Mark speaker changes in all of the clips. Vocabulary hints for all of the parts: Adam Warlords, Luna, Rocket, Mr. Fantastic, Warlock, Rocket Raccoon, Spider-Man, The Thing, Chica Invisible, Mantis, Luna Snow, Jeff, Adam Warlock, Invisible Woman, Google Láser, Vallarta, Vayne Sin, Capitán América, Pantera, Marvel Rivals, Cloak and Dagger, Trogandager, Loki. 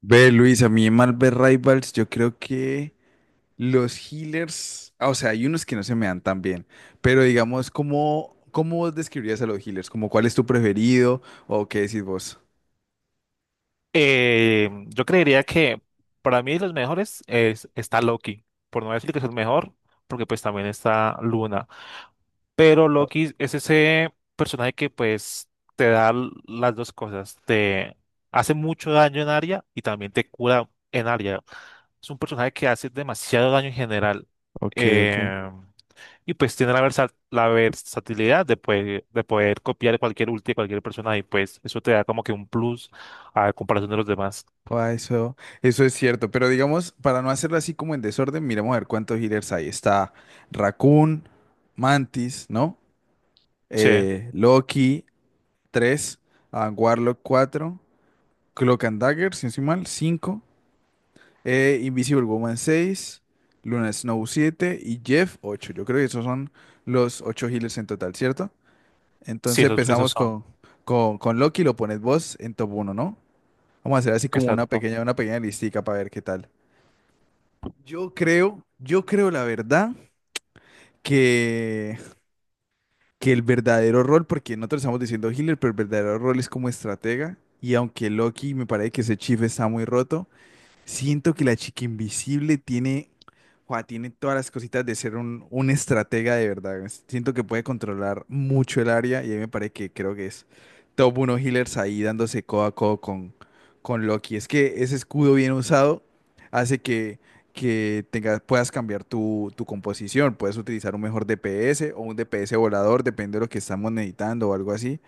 Speaker 1: Ve, Luis, a mí en Marvel Rivals yo creo que los healers, o sea, hay unos que no se me dan tan bien, pero digamos, ¿cómo vos describirías a los healers? ¿Como cuál es tu preferido o qué decís vos?
Speaker 2: Yo creería que para mí los mejores es, está Loki, por no decir que es el mejor, porque pues también está Luna. Pero Loki es ese personaje que pues te da las dos cosas, te hace mucho daño en área y también te cura en área. Es un personaje que hace demasiado daño en general.
Speaker 1: Ok, ok.
Speaker 2: Eh, y pues tiene la, la versatilidad de, de poder copiar cualquier ulti de cualquier persona y pues eso te da como que un plus a comparación de los demás.
Speaker 1: Ah, eso es cierto, pero digamos, para no hacerlo así como en desorden, miremos a ver cuántos healers hay. Está Raccoon, Mantis, ¿no?
Speaker 2: Sí,
Speaker 1: Loki, 3, Warlock, 4, Cloak and Dagger, si no estoy mal, 5. Invisible Woman 6, Luna Snow 7 y Jeff 8. Yo creo que esos son los 8 healers en total, ¿cierto?
Speaker 2: sí,
Speaker 1: Entonces
Speaker 2: esos, esos
Speaker 1: empezamos
Speaker 2: son.
Speaker 1: con Loki, lo pones vos en top uno, ¿no? Vamos a hacer así como
Speaker 2: Exacto.
Speaker 1: una pequeña listica para ver qué tal. Yo creo la verdad que, que el verdadero rol, porque nosotros estamos diciendo healer, pero el verdadero rol es como estratega. Y aunque Loki me parece que ese chief está muy roto, siento que la chica invisible tiene todas las cositas de ser un estratega de verdad. Siento que puede controlar mucho el área y a mí me parece que creo que es top 1 healers ahí dándose codo a codo con Loki. Es que ese escudo bien usado hace que tengas, puedas cambiar tu composición. Puedes utilizar un mejor DPS o un DPS volador, depende de lo que estamos necesitando o algo así.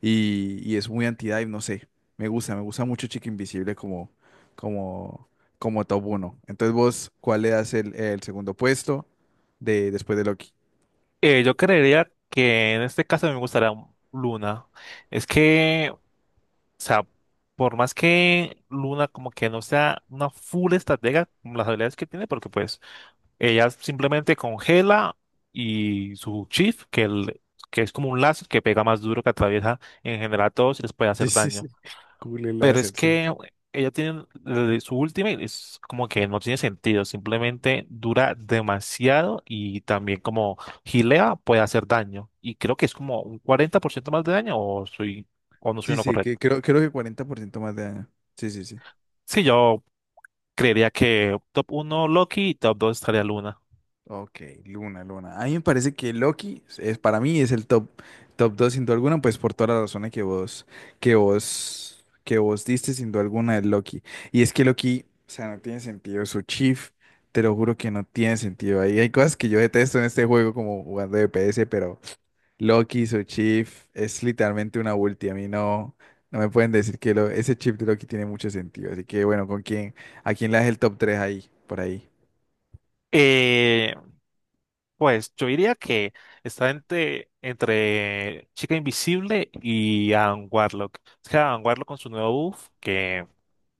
Speaker 1: Y es muy anti-dive, no sé. Me gusta mucho Chica Invisible como, como top uno. Entonces vos, ¿cuál le das el segundo puesto después de Loki?
Speaker 2: Yo creería que en este caso me gustaría Luna. Es que, o sea, por más que Luna como que no sea una full estratega con las habilidades que tiene, porque pues ella simplemente congela y su shift, que, que es como un láser que pega más duro, que atraviesa en general a todos y les puede
Speaker 1: Sí,
Speaker 2: hacer
Speaker 1: sí, sí.
Speaker 2: daño.
Speaker 1: Google
Speaker 2: Pero es
Speaker 1: Láser, sí.
Speaker 2: que ella tiene su última y es como que no tiene sentido, simplemente dura demasiado y también como gilea puede hacer daño. Y creo que es como un 40% más de daño o soy o no soy
Speaker 1: Sí,
Speaker 2: uno
Speaker 1: sí,
Speaker 2: correcto.
Speaker 1: creo que 40% más de daño. Sí, sí, sí.
Speaker 2: Sí, yo creería que top uno Loki y top 2 estaría Luna.
Speaker 1: Ok, Luna, Luna. A mí me parece que Loki es, para mí es top 2 sin duda alguna, pues por todas las razones que vos diste sin duda alguna de Loki. Y es que Loki, o sea, no tiene sentido. Su chief, te lo juro que no tiene sentido. Ahí hay cosas que yo detesto en este juego como jugando de S, pero Loki, su chief, es literalmente una ulti. A mí no, no me pueden decir que ese chip de Loki tiene mucho sentido. Así que bueno, ¿con quién? ¿A quién le das el top tres ahí? Por ahí.
Speaker 2: Eh, pues yo diría que está entre, entre Chica Invisible y Adam Warlock. Es que Adam Warlock con su nuevo buff que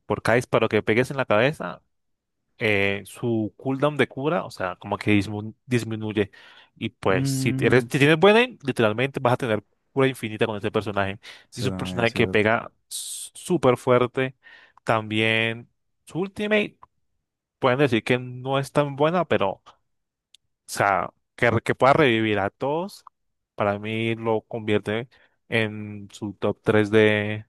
Speaker 2: por cada disparo que pegues en la cabeza su cooldown de cura, o sea, como que disminuye. Y pues, si eres,
Speaker 1: Mm.
Speaker 2: si tienes buena aim, literalmente vas a tener cura infinita con este personaje. Y es
Speaker 1: Eso
Speaker 2: un
Speaker 1: no es
Speaker 2: personaje que
Speaker 1: cierto.
Speaker 2: pega súper fuerte. También su ultimate, pueden decir que no es tan buena, pero, o sea, que, que pueda revivir a todos, para mí lo convierte en su top 3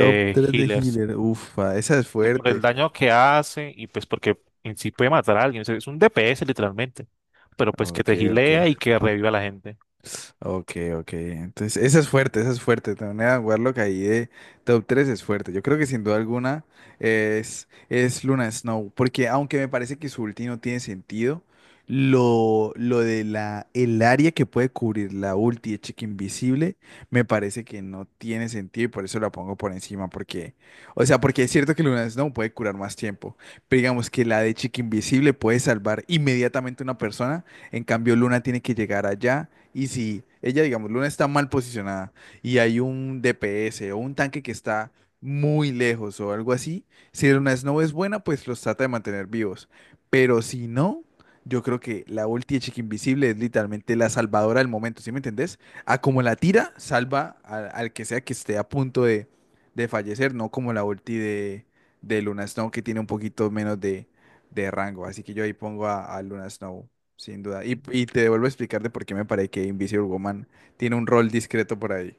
Speaker 1: Top 3 de
Speaker 2: healers.
Speaker 1: healer. Ufa, esa es
Speaker 2: Y por el
Speaker 1: fuerte.
Speaker 2: daño que hace y pues porque en sí puede matar a alguien. O sea, es un DPS literalmente, pero pues que
Speaker 1: Ok,
Speaker 2: te
Speaker 1: ok.
Speaker 2: gilea y que reviva a la gente.
Speaker 1: Ok, ok. Entonces, esa es fuerte, esa es fuerte. Tener a Warlock ahí de top 3 es fuerte. Yo creo que sin duda alguna es Luna Snow. Porque aunque me parece que su ulti no tiene sentido, lo de el área que puede cubrir la ulti de Chica Invisible me parece que no tiene sentido y por eso la pongo por encima. Porque, o sea, porque es cierto que Luna Snow puede curar más tiempo. Pero digamos que la de Chica Invisible puede salvar inmediatamente a una persona. En cambio, Luna tiene que llegar allá y si ella, digamos, Luna está mal posicionada y hay un DPS o un tanque que está muy lejos o algo así, si Luna Snow es buena, pues los trata de mantener vivos. Pero si no, yo creo que la ulti de Chica Invisible es literalmente la salvadora del momento, ¿sí me entendés? A como la tira, salva al que sea que esté a punto de fallecer, no como la ulti de Luna Snow que tiene un poquito menos de rango. Así que yo ahí pongo a Luna Snow sin duda.
Speaker 2: Mm,
Speaker 1: Y te vuelvo a explicar de por qué me parece que Invisible Woman tiene un rol discreto por ahí.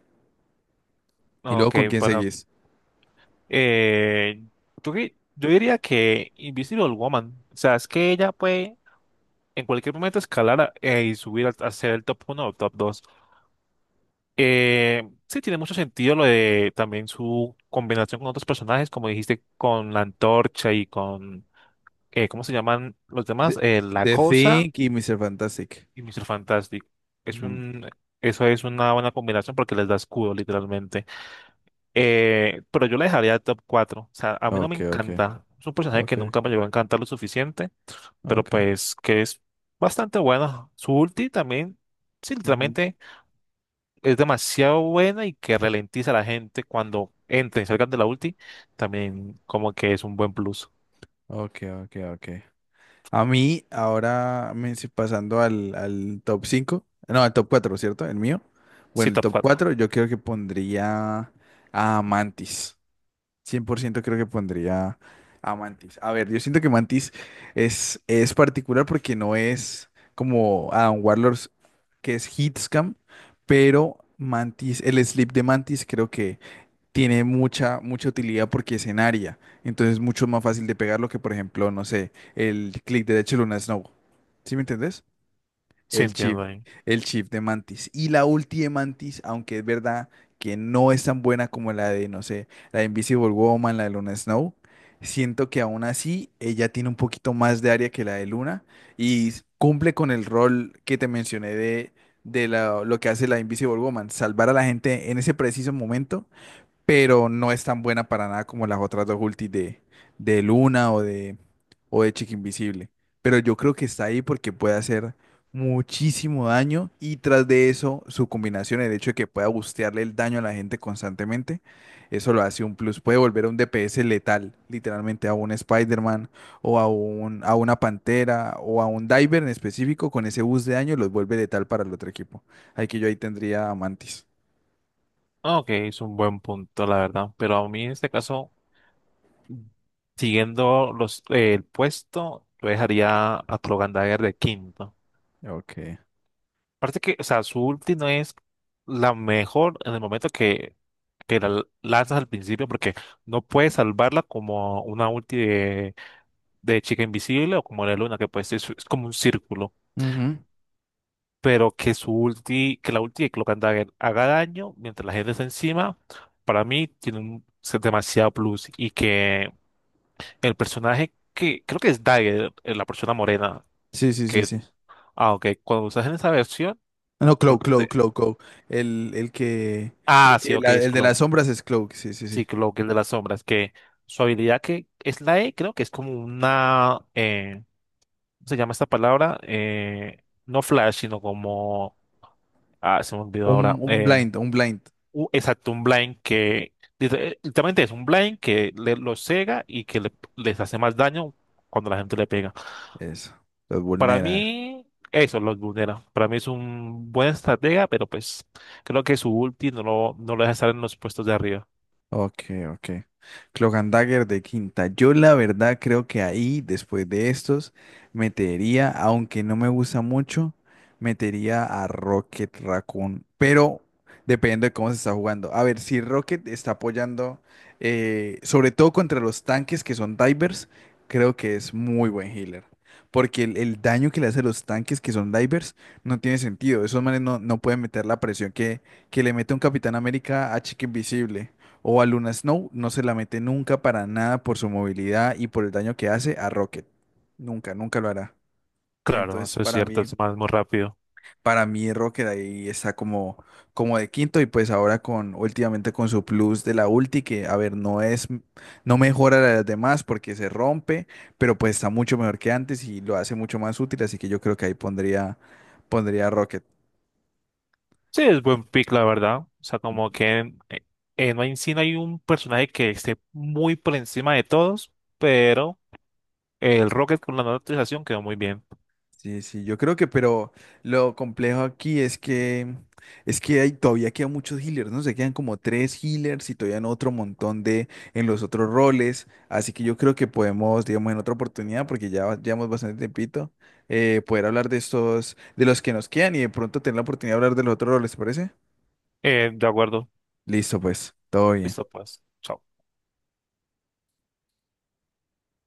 Speaker 1: Y luego,
Speaker 2: Ok,
Speaker 1: ¿con quién
Speaker 2: para...
Speaker 1: seguís?
Speaker 2: Eh, yo, yo diría que Invisible Woman, o sea, es que ella puede en cualquier momento escalar y subir a, ser el top uno o top dos. Sí, tiene mucho sentido lo de también su combinación con otros personajes, como dijiste, con la antorcha y con, ¿cómo se llaman los
Speaker 1: The,
Speaker 2: demás? La
Speaker 1: The
Speaker 2: cosa.
Speaker 1: Thing y Mr. Fantastic.
Speaker 2: Y Mr. Fantastic. Es
Speaker 1: Ujú.
Speaker 2: un, eso es una buena combinación porque les da escudo, literalmente. Pero yo la dejaría top cuatro. O sea, a mí no me
Speaker 1: Ok, ok,
Speaker 2: encanta. Es un personaje
Speaker 1: ok,
Speaker 2: que nunca me llegó a encantar lo suficiente, pero
Speaker 1: ok,
Speaker 2: pues que es bastante bueno. Su ulti también, sí,
Speaker 1: ujú.
Speaker 2: literalmente es demasiado buena y que ralentiza a la gente cuando entren y salgan de la ulti. También como que es un buen plus.
Speaker 1: Ok, ok, ok. A mí, ahora me si- pasando al top 5 no, al top cuatro, ¿cierto? El mío.
Speaker 2: Sí,
Speaker 1: Bueno, el
Speaker 2: top
Speaker 1: top
Speaker 2: cuatro.
Speaker 1: 4 yo creo que pondría a Mantis. Cien por ciento creo que pondría a Mantis. A ver, yo siento que Mantis es particular porque no es como Adam Warlords, que es Hitscam, pero Mantis, el sleep de Mantis creo que tiene mucha, mucha utilidad porque es en área. Entonces es mucho más fácil de pegarlo que, por ejemplo, no sé, el clic derecho de Luna Snow. ¿Sí me entendés?
Speaker 2: Sí,
Speaker 1: El chip,
Speaker 2: entiendo ahí.
Speaker 1: el chip de Mantis. Y la ulti de Mantis, aunque es verdad que no es tan buena como la de, no sé, la de Invisible Woman, la de Luna Snow, siento que aún así ella tiene un poquito más de área que la de Luna y cumple con el rol que te mencioné lo que hace la Invisible Woman, salvar a la gente en ese preciso momento, pero no es tan buena para nada como las otras dos ultis de Luna o de Chica Invisible. Pero yo creo que está ahí porque puede hacer muchísimo daño y tras de eso su combinación, el hecho de que pueda bustearle el daño a la gente constantemente, eso lo hace un plus. Puede volver a un DPS letal, literalmente a un Spider-Man o a a una Pantera o a un Diver en específico, con ese boost de daño los vuelve letal para el otro equipo. Ahí que yo ahí tendría a Mantis.
Speaker 2: Ok, es un buen punto, la verdad. Pero a mí en este caso, siguiendo los, el puesto, yo dejaría a Trogandager de quinto.
Speaker 1: Ok.
Speaker 2: Aparte que, o sea, su ulti no es la mejor en el momento que la lanzas al principio, porque no puedes salvarla como una ulti de chica invisible o como la luna, que puede ser, es como un círculo.
Speaker 1: Ujú.
Speaker 2: Pero que su ulti, que la ulti de Cloak and Dagger haga daño mientras la gente está encima, para mí tiene un es demasiado plus. Y que el personaje que creo que es Dagger, la persona morena,
Speaker 1: Sí, sí, sí,
Speaker 2: que,
Speaker 1: sí.
Speaker 2: ah, ok, cuando usas en esa versión,
Speaker 1: Ah, no, Cloak,
Speaker 2: porque,
Speaker 1: Cloak, Cloak, Cloak. El que,
Speaker 2: ah, sí, ok, es
Speaker 1: el de
Speaker 2: Cloak,
Speaker 1: las sombras es Cloak, sí, sí, sí.
Speaker 2: sí, Cloak, el de las sombras, que su habilidad que es la E, creo que es como una, ¿cómo se llama esta palabra? No flash, sino como, ah, se me olvidó ahora,
Speaker 1: Un blind, un blind.
Speaker 2: exacto, un blind que dice, literalmente es un blind que le, los cega y que les hace más daño cuando la gente le pega.
Speaker 1: Eso. Los
Speaker 2: Para
Speaker 1: vulnera.
Speaker 2: mí, eso los vulnera. Para mí es un buen estratega, pero pues creo que su ulti no lo deja estar en los puestos de arriba.
Speaker 1: Ok, ok. Cloak and Dagger de quinta. Yo la verdad creo que ahí, después de estos, metería, aunque no me gusta mucho, metería a Rocket Raccoon. Pero depende de cómo se está jugando. A ver, si Rocket está apoyando, sobre todo contra los tanques que son divers, creo que es muy buen healer. Porque el daño que le hace a los tanques que son divers no tiene sentido. Esos manes no, no pueden meter la presión que le mete un Capitán América a Chica Invisible. O a Luna Snow no se la mete nunca para nada por su movilidad y por el daño que hace a Rocket. Nunca, nunca lo hará.
Speaker 2: Claro,
Speaker 1: Entonces,
Speaker 2: eso es cierto, es más muy rápido.
Speaker 1: para mí Rocket ahí está como de quinto y pues ahora últimamente con su plus de la ulti que, a ver, no es, no mejora la de las demás porque se rompe, pero pues está mucho mejor que antes y lo hace mucho más útil, así que yo creo que ahí pondría a Rocket.
Speaker 2: Sí, es buen pick, la verdad. O sea, como que en Vayne Sin hay un personaje que esté muy por encima de todos, pero. El Rocket con la nueva actualización quedó muy bien.
Speaker 1: Sí, sí, yo creo pero lo complejo aquí es que hay, todavía quedan muchos healers, ¿no? Se quedan como tres healers y todavía en otro montón de en los otros roles. Así que yo creo que podemos, digamos, en otra oportunidad, porque llevamos bastante tiempito, poder hablar de estos, de los que nos quedan y de pronto tener la oportunidad de hablar de los otros roles, ¿te parece?
Speaker 2: De acuerdo.
Speaker 1: Listo, pues, todo bien.
Speaker 2: Listo, pues. Chao.